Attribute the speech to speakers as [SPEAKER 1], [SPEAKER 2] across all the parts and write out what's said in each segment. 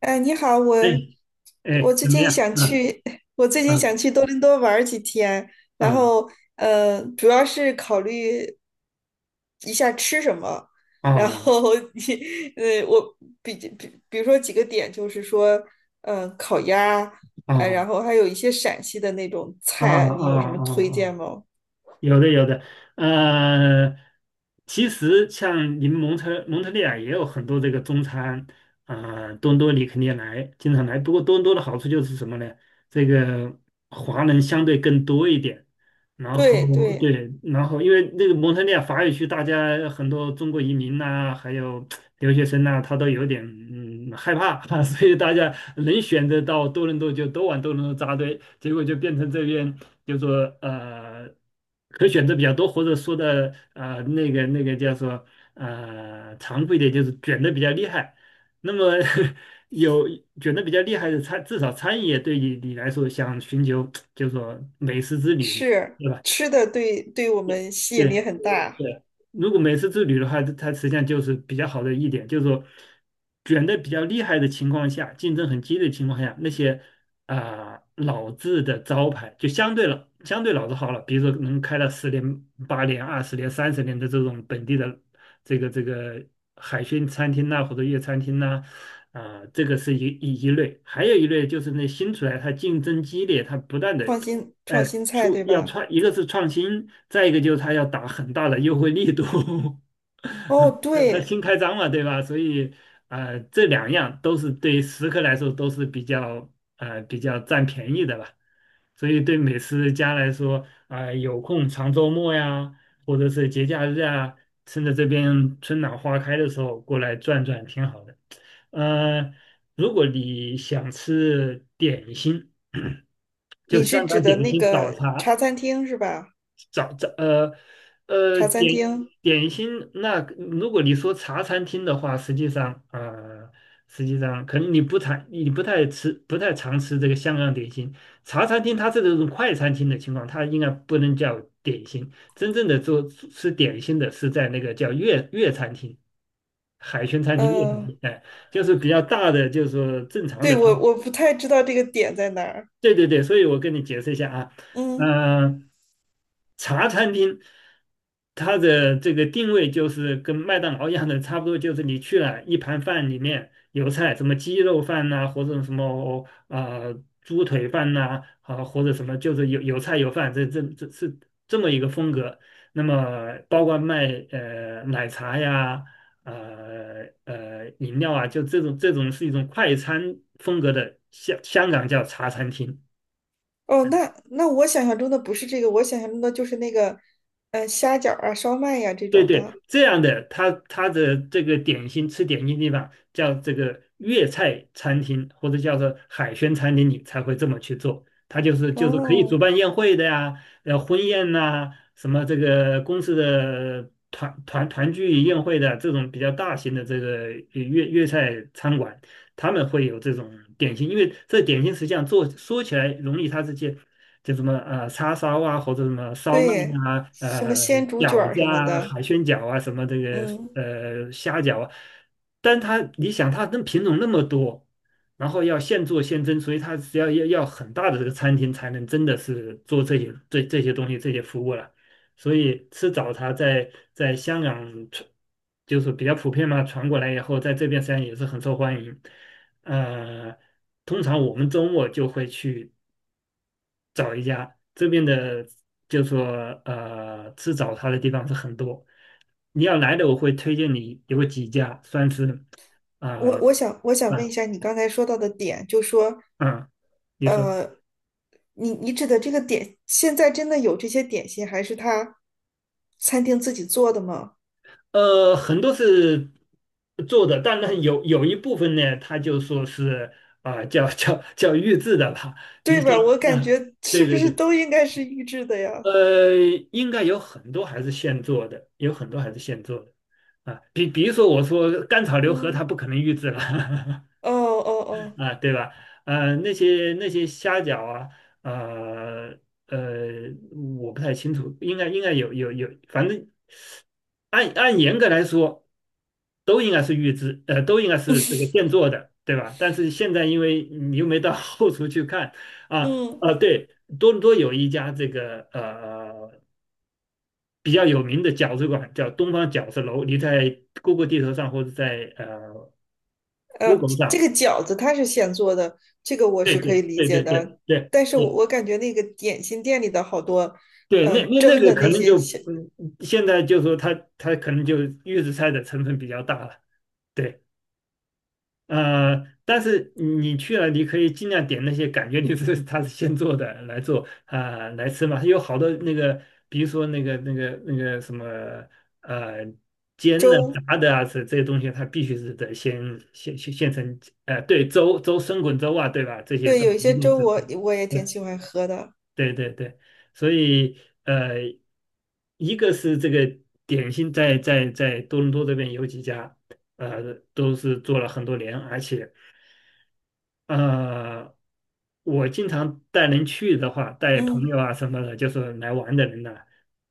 [SPEAKER 1] 你好，我
[SPEAKER 2] 哎哎，
[SPEAKER 1] 我最
[SPEAKER 2] 怎么
[SPEAKER 1] 近
[SPEAKER 2] 样？
[SPEAKER 1] 想
[SPEAKER 2] 嗯
[SPEAKER 1] 去，我最近
[SPEAKER 2] 嗯
[SPEAKER 1] 想去多伦多玩儿几天，然
[SPEAKER 2] 嗯。
[SPEAKER 1] 后主要是考虑一下吃什么，然
[SPEAKER 2] 哦
[SPEAKER 1] 后 你我比如说几个点，就是说，嗯，烤鸭，
[SPEAKER 2] 哦
[SPEAKER 1] 然后还有一些陕西的那种
[SPEAKER 2] 哦
[SPEAKER 1] 菜，你有什
[SPEAKER 2] 哦哦，
[SPEAKER 1] 么推荐
[SPEAKER 2] 哦
[SPEAKER 1] 吗？
[SPEAKER 2] 有的有的，呃，其实像你们蒙特利尔也有很多这个中餐，多伦多你肯定来，经常来。不过多伦多的好处就是什么呢？这个华人相对更多一点，然后
[SPEAKER 1] 对对，
[SPEAKER 2] 对，然后因为那个蒙特利尔法语区，大家很多中国移民呐、还有留学生呢，他都有点害怕啊 所以大家能选择到多伦多就都往多伦多扎堆，结果就变成这边就说可选择比较多，或者说的那个叫做残酷一点就是卷的比较厉害。那么 有卷的比较厉害的餐，至少餐饮业对你来说想寻求就是说美食之旅嘛，
[SPEAKER 1] 是
[SPEAKER 2] 对吧？
[SPEAKER 1] 吃的，对对，我们吸引力
[SPEAKER 2] 对。
[SPEAKER 1] 很大。
[SPEAKER 2] 对，如果每次之旅的话，它实际上就是比较好的一点，就是说卷的比较厉害的情况下，竞争很激烈的情况下，那些啊、老字的招牌就相对老字号了，比如说能开了十年、8年、20年、30年的这种本地的这个海鲜餐厅呐、或者粤餐厅呐、啊，这个是一类，还有一类就是那新出来，它竞争激烈，它不断的
[SPEAKER 1] 创新
[SPEAKER 2] 哎，
[SPEAKER 1] 创新菜
[SPEAKER 2] 出
[SPEAKER 1] 对
[SPEAKER 2] 要
[SPEAKER 1] 吧？
[SPEAKER 2] 创，一个是创新，再一个就是他要打很大的优惠力度，
[SPEAKER 1] 哦，
[SPEAKER 2] 那他
[SPEAKER 1] 对。
[SPEAKER 2] 新开张嘛，对吧？所以，这两样都是对食客来说都是比较比较占便宜的吧。所以对美食家来说，啊、有空长周末呀，或者是节假日啊，趁着这边春暖花开的时候过来转转，挺好的。呃，如果你想吃点心。就
[SPEAKER 1] 你是
[SPEAKER 2] 香
[SPEAKER 1] 指
[SPEAKER 2] 港
[SPEAKER 1] 的
[SPEAKER 2] 点
[SPEAKER 1] 那
[SPEAKER 2] 心早
[SPEAKER 1] 个
[SPEAKER 2] 茶
[SPEAKER 1] 茶餐厅是吧？
[SPEAKER 2] 早早呃呃
[SPEAKER 1] 茶餐
[SPEAKER 2] 点
[SPEAKER 1] 厅，
[SPEAKER 2] 点心。那如果你说茶餐厅的话，实际上实际上可能你不太吃不太常吃这个香港点心。茶餐厅它是这种快餐厅的情况，它应该不能叫点心。真正的做吃点心的是在那个叫粤餐厅、海鲜餐厅、粤餐
[SPEAKER 1] 呃，
[SPEAKER 2] 厅，哎，就是比较大的，就是说正常
[SPEAKER 1] 对，
[SPEAKER 2] 的它。
[SPEAKER 1] 我不太知道这个点在哪儿。
[SPEAKER 2] 对对对，所以我跟你解释一下啊，
[SPEAKER 1] 嗯。
[SPEAKER 2] 嗯、茶餐厅它的这个定位就是跟麦当劳一样的，差不多就是你去了一盘饭里面有菜，什么鸡肉饭呐、或者什么猪腿饭呐、啊，或者什么就是有菜有饭，这是这么一个风格。那么包括卖奶茶呀。饮料啊，就这种是一种快餐风格的香港叫茶餐厅。
[SPEAKER 1] 哦，那那我想象中的不是这个，我想象中的就是那个，虾饺儿啊、烧麦呀、这
[SPEAKER 2] 对
[SPEAKER 1] 种
[SPEAKER 2] 对，
[SPEAKER 1] 的。
[SPEAKER 2] 这样的，他的这个点心吃点心地方叫这个粤菜餐厅，或者叫做海鲜餐厅，你才会这么去做。它就是可以主
[SPEAKER 1] 哦，
[SPEAKER 2] 办宴会的呀，婚宴呐、什么这个公司的团聚宴会的这种比较大型的这个粤菜餐馆，他们会有这种点心，因为这点心实际上做说起来容易，它这些。就什么叉烧啊，或者什么烧麦
[SPEAKER 1] 对，
[SPEAKER 2] 啊，
[SPEAKER 1] 什么鲜竹卷
[SPEAKER 2] 饺
[SPEAKER 1] 儿
[SPEAKER 2] 子
[SPEAKER 1] 什么
[SPEAKER 2] 啊，
[SPEAKER 1] 的。
[SPEAKER 2] 海鲜饺啊，什么这个
[SPEAKER 1] 嗯。
[SPEAKER 2] 虾饺啊，但它你想它跟品种那么多，然后要现做现蒸，所以它只要很大的这个餐厅才能真的是做这些这些东西这些服务了，所以吃早茶在香港传就是比较普遍嘛，传过来以后，在这边实际上也是很受欢迎，呃。通常我们周末就会去找一家这边的，就说吃早茶的地方是很多。你要来的，我会推荐你有几家，算是呃
[SPEAKER 1] 我想
[SPEAKER 2] 啊
[SPEAKER 1] 问一
[SPEAKER 2] 嗯。
[SPEAKER 1] 下，你刚才说到的点，就说，
[SPEAKER 2] 嗯，你说
[SPEAKER 1] 呃，你你指的这个点，现在真的有这些点心，还是他餐厅自己做的吗？
[SPEAKER 2] 很多是做的，当然有一部分呢，他就说是啊、叫预制的吧。你
[SPEAKER 1] 对
[SPEAKER 2] 像
[SPEAKER 1] 吧？我感
[SPEAKER 2] 啊，
[SPEAKER 1] 觉是
[SPEAKER 2] 对
[SPEAKER 1] 不
[SPEAKER 2] 对
[SPEAKER 1] 是
[SPEAKER 2] 对，
[SPEAKER 1] 都应该是预制的呀？
[SPEAKER 2] 呃，应该有很多还是现做的，有很多还是现做的。啊，比如说，我说甘草流河
[SPEAKER 1] 嗯，
[SPEAKER 2] 它不可能预制了，
[SPEAKER 1] 哦哦哦，
[SPEAKER 2] 啊，对吧？呃，那些虾饺啊，呃呃，我不太清楚，应该应该有，反正按严格来说，都应该是预制，呃，都应该是这个现做的，对吧？但是现在因为你又没到 后厨去看啊
[SPEAKER 1] 嗯。
[SPEAKER 2] 啊，对，多伦多有一家这个比较有名的饺子馆，叫东方饺子楼，你在 Google 地图上或者在Google
[SPEAKER 1] 这
[SPEAKER 2] 上，
[SPEAKER 1] 个饺子它是现做的，这个我
[SPEAKER 2] 对
[SPEAKER 1] 是可
[SPEAKER 2] 对
[SPEAKER 1] 以理
[SPEAKER 2] 对
[SPEAKER 1] 解
[SPEAKER 2] 对对
[SPEAKER 1] 的。
[SPEAKER 2] 对。
[SPEAKER 1] 但是我
[SPEAKER 2] 对
[SPEAKER 1] 我感觉那个点心店里的好多，
[SPEAKER 2] 对，那那那
[SPEAKER 1] 蒸
[SPEAKER 2] 个
[SPEAKER 1] 的
[SPEAKER 2] 可
[SPEAKER 1] 那
[SPEAKER 2] 能
[SPEAKER 1] 些
[SPEAKER 2] 就，
[SPEAKER 1] 小
[SPEAKER 2] 嗯，现在就说它可能就预制菜的成分比较大了，对，但是你去了，你可以尽量点那些感觉你是它是现做的来做啊、来吃嘛，有好多那个，比如说那个什么呃煎的、
[SPEAKER 1] 粥。
[SPEAKER 2] 炸的啊，这这些东西它必须是得先现成，呃，对，生滚粥啊，对吧？这些
[SPEAKER 1] 对，
[SPEAKER 2] 都
[SPEAKER 1] 有一
[SPEAKER 2] 一
[SPEAKER 1] 些
[SPEAKER 2] 定
[SPEAKER 1] 粥
[SPEAKER 2] 是。
[SPEAKER 1] 我也挺喜欢喝的。
[SPEAKER 2] 对对对，所以呃，一个是这个点心在多伦多这边有几家，都是做了很多年，而且呃，我经常带人去的话，带朋
[SPEAKER 1] 嗯，
[SPEAKER 2] 友啊什么的，就是来玩的人呢、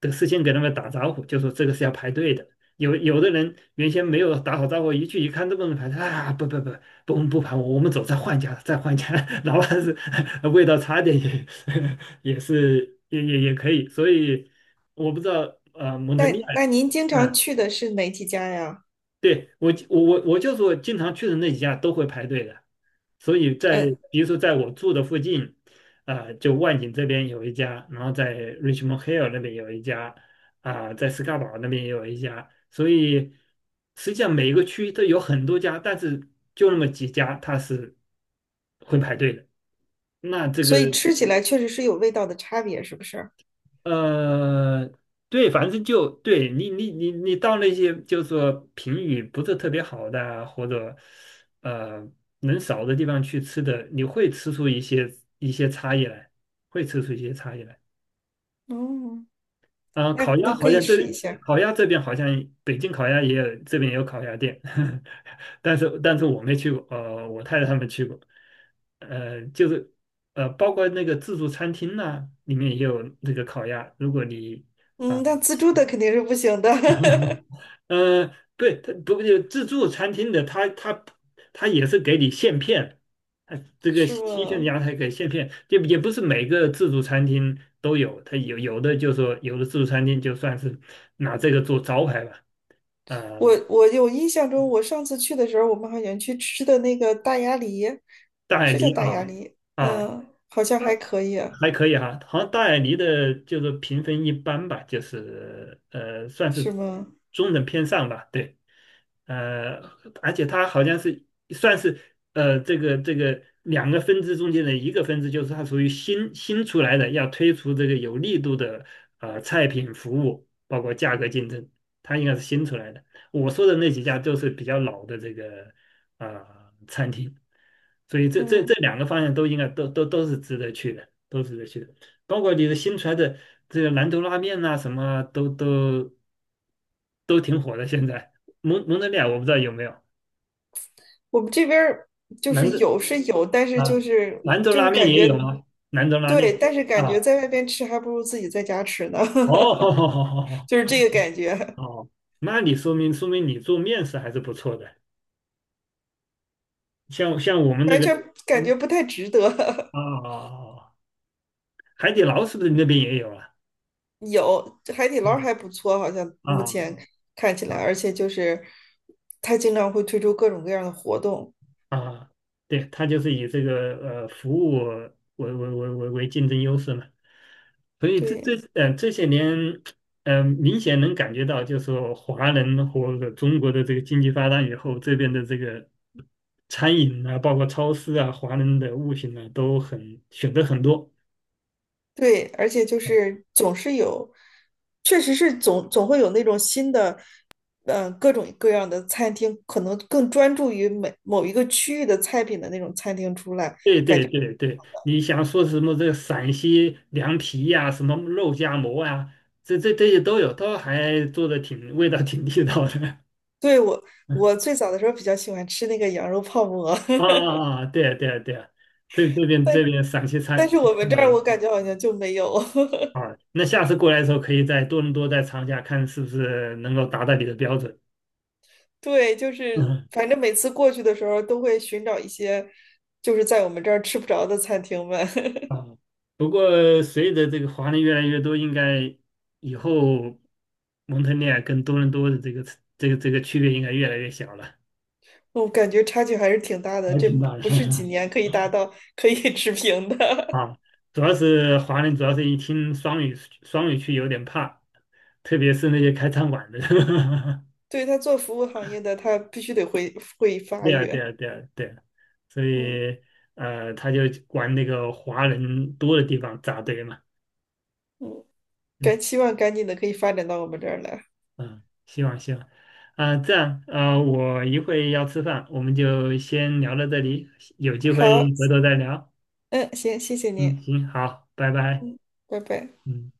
[SPEAKER 2] 都事先给他们打招呼，就说这个是要排队的。有的人原先没有打好招呼，一去一看这么多人排队啊，不，不我们不排，我们走，再换一家，再换一家，哪怕是 味道差点也 也是也可以。所以我不知道蒙特利
[SPEAKER 1] 那
[SPEAKER 2] 尔，
[SPEAKER 1] 那您经常
[SPEAKER 2] 啊
[SPEAKER 1] 去的是哪几家呀？
[SPEAKER 2] 对，我就是我经常去的那几家都会排队的，所以在
[SPEAKER 1] 嗯，
[SPEAKER 2] 比如说在我住的附近，啊，就万景这边有一家，然后在 Richmond Hill 那边有一家，啊、在斯卡堡那边也有一家，所以实际上每个区都有很多家，但是就那么几家它是会排队的。那这
[SPEAKER 1] 所
[SPEAKER 2] 个
[SPEAKER 1] 以吃起来确实是有味道的差别，是不是？
[SPEAKER 2] 呃，对，反正就对你，你，你，你到那些就是说评语不是特别好的啊或者呃人少的地方去吃的，你会吃出一些一些差异来，会吃出一些差异来。
[SPEAKER 1] 嗯，
[SPEAKER 2] 啊、
[SPEAKER 1] 那
[SPEAKER 2] 烤鸭
[SPEAKER 1] 那可
[SPEAKER 2] 好
[SPEAKER 1] 以
[SPEAKER 2] 像这
[SPEAKER 1] 试一
[SPEAKER 2] 里
[SPEAKER 1] 下。
[SPEAKER 2] 烤鸭这边好像北京烤鸭也有，这边也有烤鸭店，但是我没去过，呃，我太太他们去过，呃，就是包括那个自助餐厅呐、里面也有那个烤鸭，如果你。啊。
[SPEAKER 1] 嗯，那自助的肯定是不行的。
[SPEAKER 2] 呃，对，它不过自助餐厅的，它也是给你现片，它这个
[SPEAKER 1] 是
[SPEAKER 2] 新鲜的
[SPEAKER 1] 吗？
[SPEAKER 2] 羊才给现片，就也不是每个自助餐厅都有，它有的就说有的自助餐厅就算是拿这个做招牌吧，呃，
[SPEAKER 1] 我我有印象中，我上次去的时候，我们好像去吃的那个大鸭梨，
[SPEAKER 2] 大
[SPEAKER 1] 是叫
[SPEAKER 2] 理
[SPEAKER 1] 大鸭
[SPEAKER 2] 啊
[SPEAKER 1] 梨，
[SPEAKER 2] 啊，
[SPEAKER 1] 嗯，好像还
[SPEAKER 2] 那
[SPEAKER 1] 可以啊。
[SPEAKER 2] 还可以哈，好像大眼狸的就是评分一般吧，就是算
[SPEAKER 1] 是
[SPEAKER 2] 是
[SPEAKER 1] 吗？
[SPEAKER 2] 中等偏上吧，对，呃，而且它好像是算是这个两个分支中间的一个分支，就是它属于新出来的，要推出这个有力度的菜品服务，包括价格竞争，它应该是新出来的。我说的那几家都是比较老的这个呃餐厅，所以这
[SPEAKER 1] 嗯，
[SPEAKER 2] 两个方向都应该都是值得去的。都是得去的。包括你的新出来的这个兰州拉面呐、什么啊都挺火的。现在蒙德利尔我不知道有没有，
[SPEAKER 1] 我们这边儿就
[SPEAKER 2] 兰
[SPEAKER 1] 是
[SPEAKER 2] 州
[SPEAKER 1] 有是有，但是
[SPEAKER 2] 啊，
[SPEAKER 1] 就是
[SPEAKER 2] 兰州
[SPEAKER 1] 就
[SPEAKER 2] 拉
[SPEAKER 1] 是
[SPEAKER 2] 面
[SPEAKER 1] 感
[SPEAKER 2] 也
[SPEAKER 1] 觉，
[SPEAKER 2] 有啊，兰州拉面
[SPEAKER 1] 对，但是
[SPEAKER 2] 啊，
[SPEAKER 1] 感觉在外边吃还不如自己在家吃呢。
[SPEAKER 2] 哦 好好好 好
[SPEAKER 1] 就是
[SPEAKER 2] 好，
[SPEAKER 1] 这个感觉，
[SPEAKER 2] 哦，那你说明说明你做面食还是不错的。像我们那
[SPEAKER 1] 完
[SPEAKER 2] 个，
[SPEAKER 1] 全感觉
[SPEAKER 2] 嗯
[SPEAKER 1] 不太值得。
[SPEAKER 2] 哦，海底捞是不是你那边也有啊？
[SPEAKER 1] 有海底捞还
[SPEAKER 2] 啊
[SPEAKER 1] 不错，好像目前
[SPEAKER 2] 啊
[SPEAKER 1] 看起来，
[SPEAKER 2] 啊
[SPEAKER 1] 而且就是它经常会推出各种各样的活动。
[SPEAKER 2] 啊，对，它就是以这个服务为竞争优势嘛，所以
[SPEAKER 1] 对
[SPEAKER 2] 这些年，明显能感觉到，就是说华人和中国的这个经济发展以后，这边的这个餐饮啊，包括超市啊，华人的物品呢、都很选择很多。
[SPEAKER 1] 对，而且就是总是有，确实是总会有那种新的，嗯、各种各样的餐厅，可能更专注于每某一个区域的菜品的那种餐厅出来。
[SPEAKER 2] 对对对对，你想说什么这个陕西凉皮呀、什么肉夹馍啊，这些都有，都还做的挺味道挺地道的。
[SPEAKER 1] 对，我，我最早的时候比较喜欢吃那个羊肉泡馍。
[SPEAKER 2] 啊 啊啊！啊对啊对啊对，啊，这这边
[SPEAKER 1] 但
[SPEAKER 2] 这边陕西菜
[SPEAKER 1] 但是我们这儿
[SPEAKER 2] 没
[SPEAKER 1] 我感觉好像就没有。
[SPEAKER 2] 啊，那下次过来的时候可以在多伦多再尝一下，看是不是能够达到你的标准。
[SPEAKER 1] 对，就是
[SPEAKER 2] 嗯
[SPEAKER 1] 反正每次过去的时候都会寻找一些，就是在我们这儿吃不着的餐厅们。
[SPEAKER 2] 啊，不过随着这个华人越来越多，应该以后蒙特利尔跟多伦多的这个这个区别应该越来越小了，
[SPEAKER 1] 我感觉差距还是挺大的，
[SPEAKER 2] 还
[SPEAKER 1] 这
[SPEAKER 2] 挺大的。
[SPEAKER 1] 不是几 年可以达到可以 持平的。
[SPEAKER 2] 主要是华人，主要是一听双语双语区有点怕，特别是那些开餐馆的。
[SPEAKER 1] 对，他做服务行业的，他必须得会发
[SPEAKER 2] 对啊，对
[SPEAKER 1] 育。
[SPEAKER 2] 啊，对啊，对啊，所
[SPEAKER 1] 嗯，
[SPEAKER 2] 以他就往那个华人多的地方扎堆嘛，
[SPEAKER 1] 嗯，该
[SPEAKER 2] 嗯
[SPEAKER 1] 期望赶紧的可以发展到我们这儿来。
[SPEAKER 2] 嗯，希望希望，啊、这样啊、我一会要吃饭，我们就先聊到这里，有机会
[SPEAKER 1] 好，
[SPEAKER 2] 回头再聊，
[SPEAKER 1] 嗯，行，谢谢
[SPEAKER 2] 嗯，
[SPEAKER 1] 您，
[SPEAKER 2] 行，好，拜拜，
[SPEAKER 1] 嗯，拜拜。
[SPEAKER 2] 嗯。